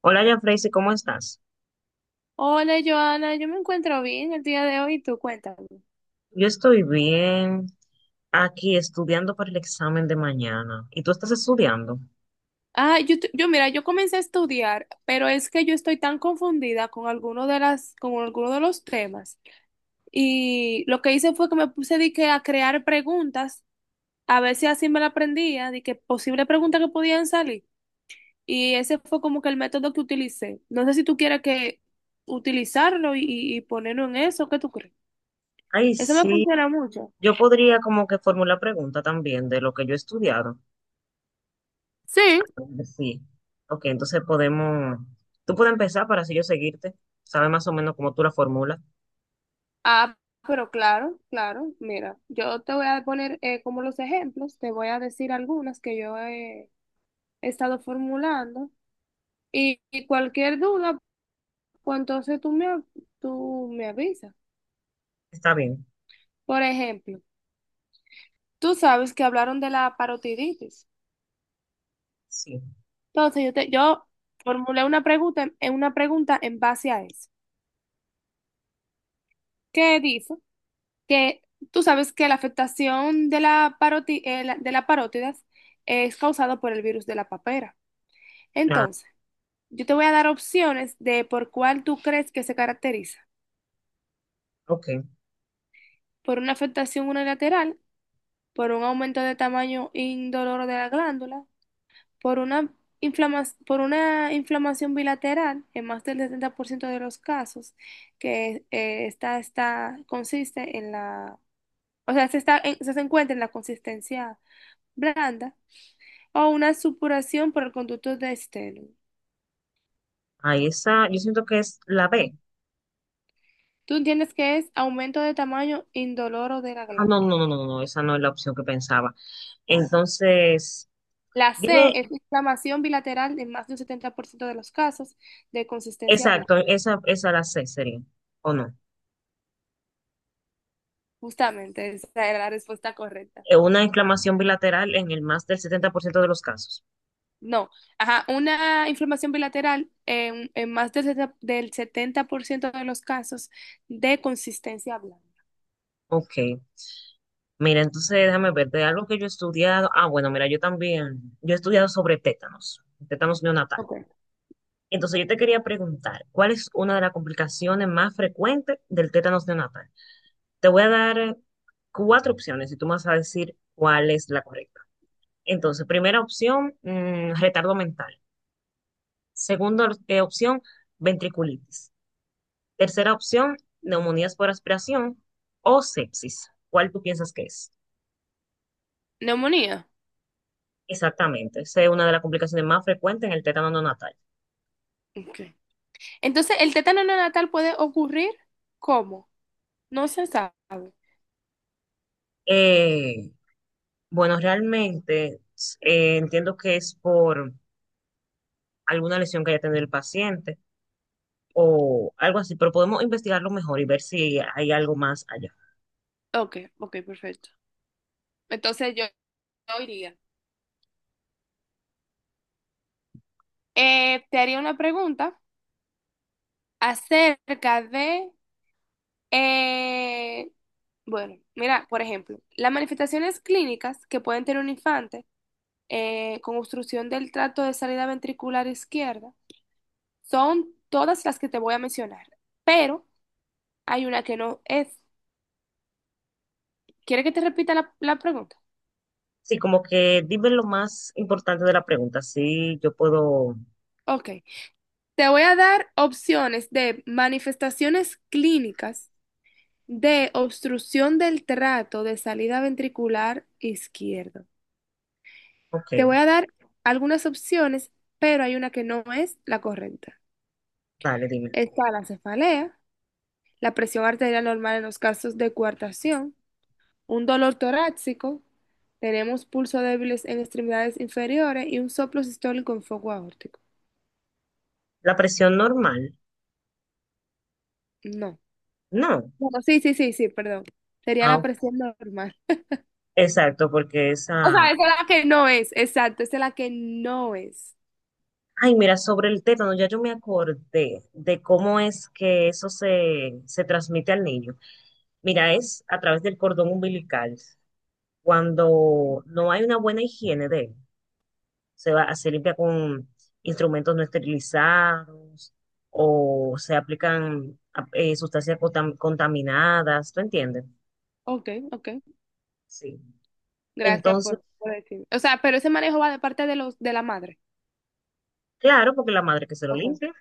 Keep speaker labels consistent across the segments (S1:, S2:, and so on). S1: Hola, Yafraise, ¿cómo estás?
S2: Hola, Joana, yo me encuentro bien el día de hoy, tú cuéntame.
S1: Yo estoy bien, aquí estudiando para el examen de mañana. ¿Y tú estás estudiando?
S2: Ah, yo, tu- yo Mira, yo comencé a estudiar, pero es que yo estoy tan confundida con alguno de los temas. Y lo que hice fue que me puse de que a crear preguntas, a ver si así me la aprendía, de que posibles preguntas que podían salir. Y ese fue como que el método que utilicé. No sé si tú quieres que utilizarlo y ponerlo en eso, ¿qué tú crees?
S1: Ay,
S2: Eso me
S1: sí.
S2: funciona mucho.
S1: Yo podría como que formular pregunta también de lo que yo he estudiado.
S2: Sí.
S1: Sí. Ok, entonces podemos. Tú puedes empezar para así yo seguirte. Sabes más o menos cómo tú la formulas.
S2: Ah, claro, mira, yo te voy a poner como los ejemplos, te voy a decir algunas que he estado formulando y cualquier duda, pues entonces tú me avisas.
S1: Está bien.
S2: Por ejemplo, tú sabes que hablaron de la parotiditis.
S1: Sí.
S2: Entonces yo formulé en una pregunta en base a eso. ¿Qué dice? Que tú sabes que la afectación de de la parótidas es causada por el virus de la papera.
S1: Ah,
S2: Entonces, yo te voy a dar opciones de por cuál tú crees que se caracteriza.
S1: ok.
S2: Por una afectación unilateral, por un aumento de tamaño indoloro de la glándula, por una por una inflamación bilateral en más del 70% de los casos, que esta consiste en la, o sea, se encuentra en la consistencia blanda, o una supuración por el conducto de esteno.
S1: Ahí esa, yo siento que es la B.
S2: ¿Tú entiendes que es aumento de tamaño indoloro de la
S1: Ah, no,
S2: glándula?
S1: no, no, no, no, esa no es la opción que pensaba. Entonces,
S2: La C
S1: dime.
S2: es inflamación bilateral en más de un 70% de los casos de consistencia blanca.
S1: Exacto, esa la C sería, ¿o no?
S2: Justamente, esa era la respuesta correcta.
S1: Una inflamación bilateral en el más del 70% de los casos.
S2: No, ajá, una inflamación bilateral en más del 70% de los casos de consistencia blanca.
S1: Ok, mira, entonces déjame ver, de algo que yo he estudiado, bueno, mira, yo también, yo he estudiado sobre tétanos, tétanos neonatal.
S2: Okay.
S1: Entonces yo te quería preguntar, ¿cuál es una de las complicaciones más frecuentes del tétanos neonatal? Te voy a dar cuatro opciones y tú me vas a decir cuál es la correcta. Entonces, primera opción, retardo mental. Segunda opción, ventriculitis. Tercera opción, neumonías por aspiración o sepsis. ¿Cuál tú piensas que es?
S2: Neumonía.
S1: Exactamente, esa es una de las complicaciones más frecuentes en el tétano neonatal.
S2: Ok. Entonces, el tétano neonatal puede ocurrir, ¿cómo? No se sabe.
S1: Eh, bueno, realmente entiendo que es por alguna lesión que haya tenido el paciente o algo así, pero podemos investigarlo mejor y ver si hay algo más allá.
S2: Ok, ok, perfecto. Entonces yo iría. Te haría una pregunta acerca de... Eh, bueno, mira, por ejemplo, las manifestaciones clínicas que pueden tener un infante con obstrucción del tracto de salida ventricular izquierda son todas las que te voy a mencionar, pero hay una que no es. ¿Quieres que te repita la pregunta?
S1: Sí, como que dime lo más importante de la pregunta, si yo puedo.
S2: Ok, te voy a dar opciones de manifestaciones clínicas de obstrucción del trato de salida ventricular izquierdo.
S1: Ok,
S2: Te voy a dar algunas opciones, pero hay una que no es la correcta.
S1: dale, dime.
S2: Está la cefalea, la presión arterial normal en los casos de coartación, un dolor torácico, tenemos pulso débiles en extremidades inferiores y un soplo sistólico en foco aórtico.
S1: La presión normal,
S2: No.
S1: no.
S2: Bueno, sí, sí, perdón. Sería
S1: Ah,
S2: la
S1: ok,
S2: presión normal.
S1: exacto, porque
S2: O
S1: esa...
S2: sea, esa es la que no es, exacto, esa es la que no es.
S1: Ay, mira, sobre el tétano, ya yo me acordé de cómo es que eso se transmite al niño. Mira, es a través del cordón umbilical. Cuando no hay una buena higiene de él, se va, se limpia con instrumentos no esterilizados o se aplican sustancias contaminadas, ¿tú entiendes?
S2: Ok, ok.
S1: Sí.
S2: Gracias
S1: Entonces,
S2: por decirme. O sea, pero ese manejo va de parte de los de la madre.
S1: claro, porque la madre que se lo
S2: Ok,
S1: limpia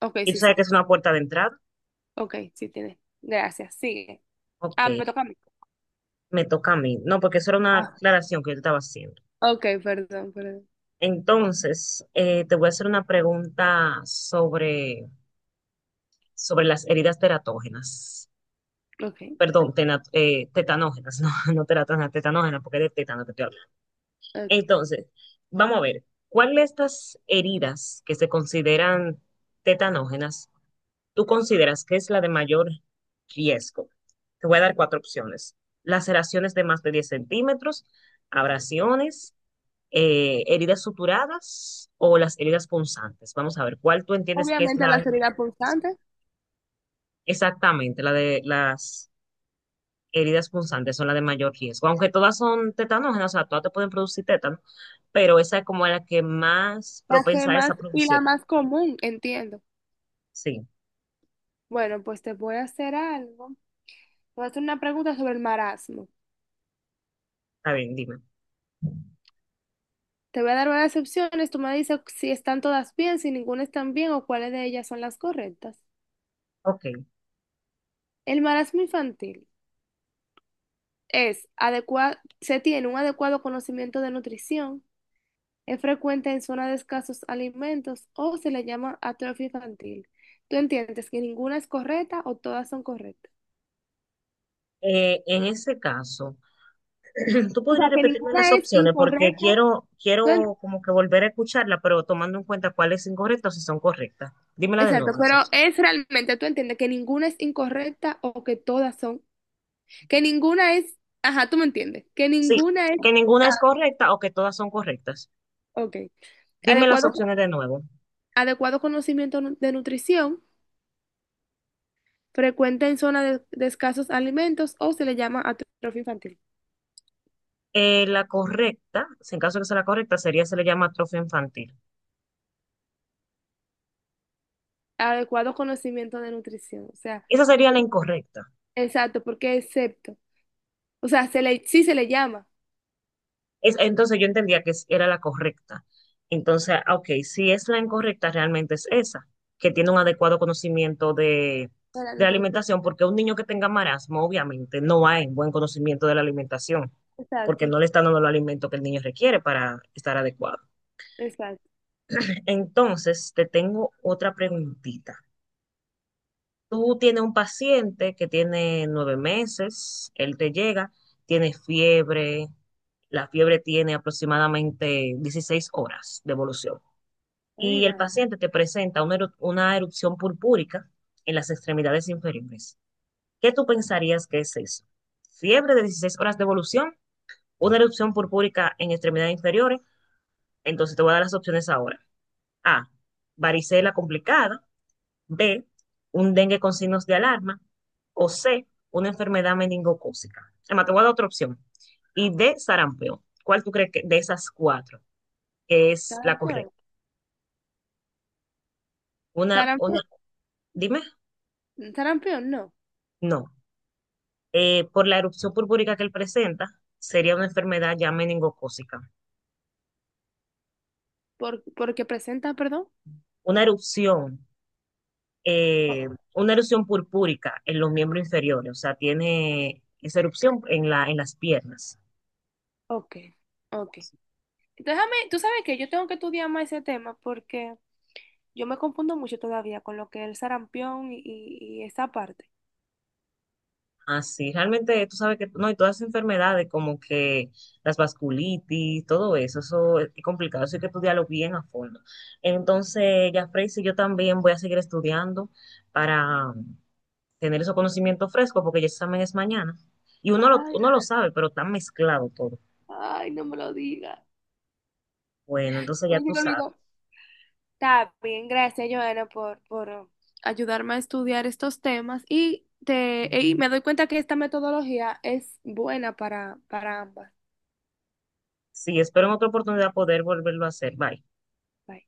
S2: ok,
S1: y tú
S2: sí,
S1: sabes
S2: sí.
S1: que es una puerta de entrada.
S2: Ok, sí tiene. Gracias. Sigue.
S1: Ok,
S2: Ah, me toca a mí.
S1: me toca a mí. No, porque eso era una
S2: Ah.
S1: aclaración que yo te estaba haciendo.
S2: Ok, perdón, perdón.
S1: Entonces, te voy a hacer una pregunta sobre las heridas teratógenas.
S2: Ok,
S1: Perdón, tetanógenas, no, no teratógenas, tetanógenas, porque es de tétano que estoy hablando.
S2: ok.
S1: Entonces, vamos a ver, ¿cuál de estas heridas que se consideran tetanógenas tú consideras que es la de mayor riesgo? Te voy a dar cuatro opciones. Laceraciones de más de 10 cm, abrasiones, heridas suturadas o las heridas punzantes. Vamos a ver, ¿cuál tú entiendes que es
S2: Obviamente
S1: la
S2: la
S1: de mayor
S2: seriedad
S1: riesgo?
S2: pulsante,
S1: Exactamente, la de las heridas punzantes son la de mayor riesgo, aunque todas son tetanógenas, o sea, todas te pueden producir tétano, pero esa es como la que más
S2: la que
S1: propensa es
S2: más
S1: a
S2: y la
S1: producirlo.
S2: más común, entiendo.
S1: Sí,
S2: Bueno, pues te voy a hacer algo. Te voy a hacer una pregunta sobre el marasmo.
S1: está bien, dime.
S2: Te voy a dar varias opciones. Tú me dices si están todas bien, si ninguna están bien o cuáles de ellas son las correctas.
S1: Ok.
S2: El marasmo infantil es adecuado, se tiene un adecuado conocimiento de nutrición, es frecuente en zonas de escasos alimentos o se le llama atrofia infantil. ¿Tú entiendes que ninguna es correcta o todas son correctas?
S1: En ese caso, tú
S2: O
S1: podrías
S2: sea, que
S1: repetirme las
S2: ninguna es
S1: opciones porque
S2: incorrecta.
S1: quiero,
S2: ¿Tú en-
S1: quiero como que volver a escucharla, pero tomando en cuenta cuáles son incorrectas y son correctas. Dímela de
S2: Exacto,
S1: nuevo las
S2: pero
S1: opciones.
S2: es realmente, ¿tú entiendes que ninguna es incorrecta o que todas son? Que ninguna es, ajá, tú me entiendes, que
S1: Sí,
S2: ninguna es,
S1: que ninguna es correcta o que todas son correctas.
S2: ok.
S1: Dime las
S2: Adecuado,
S1: opciones de nuevo.
S2: Adecuado conocimiento de nutrición, frecuente en zonas de escasos alimentos o se le llama atrofia infantil.
S1: La correcta, si en caso de que sea la correcta, sería, se le llama atrofia infantil.
S2: Adecuado conocimiento de nutrición, o sea.
S1: Esa sería la incorrecta.
S2: Exacto, porque excepto. O sea, se le, sí se le llama
S1: Es, entonces yo entendía que es- era la correcta. Entonces, ah, ok, si es la incorrecta, realmente es esa, que tiene un adecuado conocimiento
S2: a la
S1: de la
S2: nutrición.
S1: alimentación, porque un niño que tenga marasmo, obviamente, no hay buen conocimiento de la alimentación,
S2: Exacto,
S1: porque no le están dando los alimento que el niño requiere para estar adecuado.
S2: exacto.
S1: Entonces, te tengo otra preguntita. Tú tienes un paciente que tiene 9 meses, él te llega, tiene fiebre, la fiebre tiene aproximadamente 16 horas de evolución
S2: Ay, mi
S1: y el
S2: madre.
S1: paciente te presenta una, una erupción purpúrica en las extremidades inferiores. ¿Qué tú pensarías que es eso? ¿Fiebre de 16 horas de evolución? ¿Una erupción purpúrica en extremidades inferiores? Entonces te voy a dar las opciones ahora. A. Varicela complicada. B, un dengue con signos de alarma, o C, una enfermedad meningocócica. Además, te voy a dar otra opción. Y D, sarampión. ¿Cuál tú crees que de esas cuatro es la
S2: Sarampión.
S1: correcta? Una, una,
S2: Sarampe-
S1: dime,
S2: Sarampión, no.
S1: no. Por la erupción purpúrica que él presenta, sería una enfermedad ya meningocócica.
S2: Por, porque presenta, perdón.
S1: Una erupción, eh,
S2: O-
S1: una erupción purpúrica en los miembros inferiores, o sea, tiene esa erupción en la, en las piernas.
S2: Ok, ok. Déjame, tú sabes que yo tengo que estudiar más ese tema porque yo me confundo mucho todavía con lo que es el sarampión y esa parte.
S1: Así, realmente tú sabes que, no, y todas esas enfermedades como que las vasculitis, todo eso, eso es complicado, eso hay que estudiarlo bien a fondo. Entonces, ya Freysi, yo también voy a seguir estudiando para tener esos conocimientos frescos, porque el examen es mañana. Y uno lo,
S2: Ay,
S1: uno lo sabe, pero está mezclado todo.
S2: ay, no me lo digas.
S1: Bueno, entonces ya tú sabes.
S2: Está bien, gracias, Joana, por ayudarme a estudiar estos temas y me doy cuenta que esta metodología es buena para ambas.
S1: Sí, espero en otra oportunidad poder volverlo a hacer. Bye.
S2: Bye.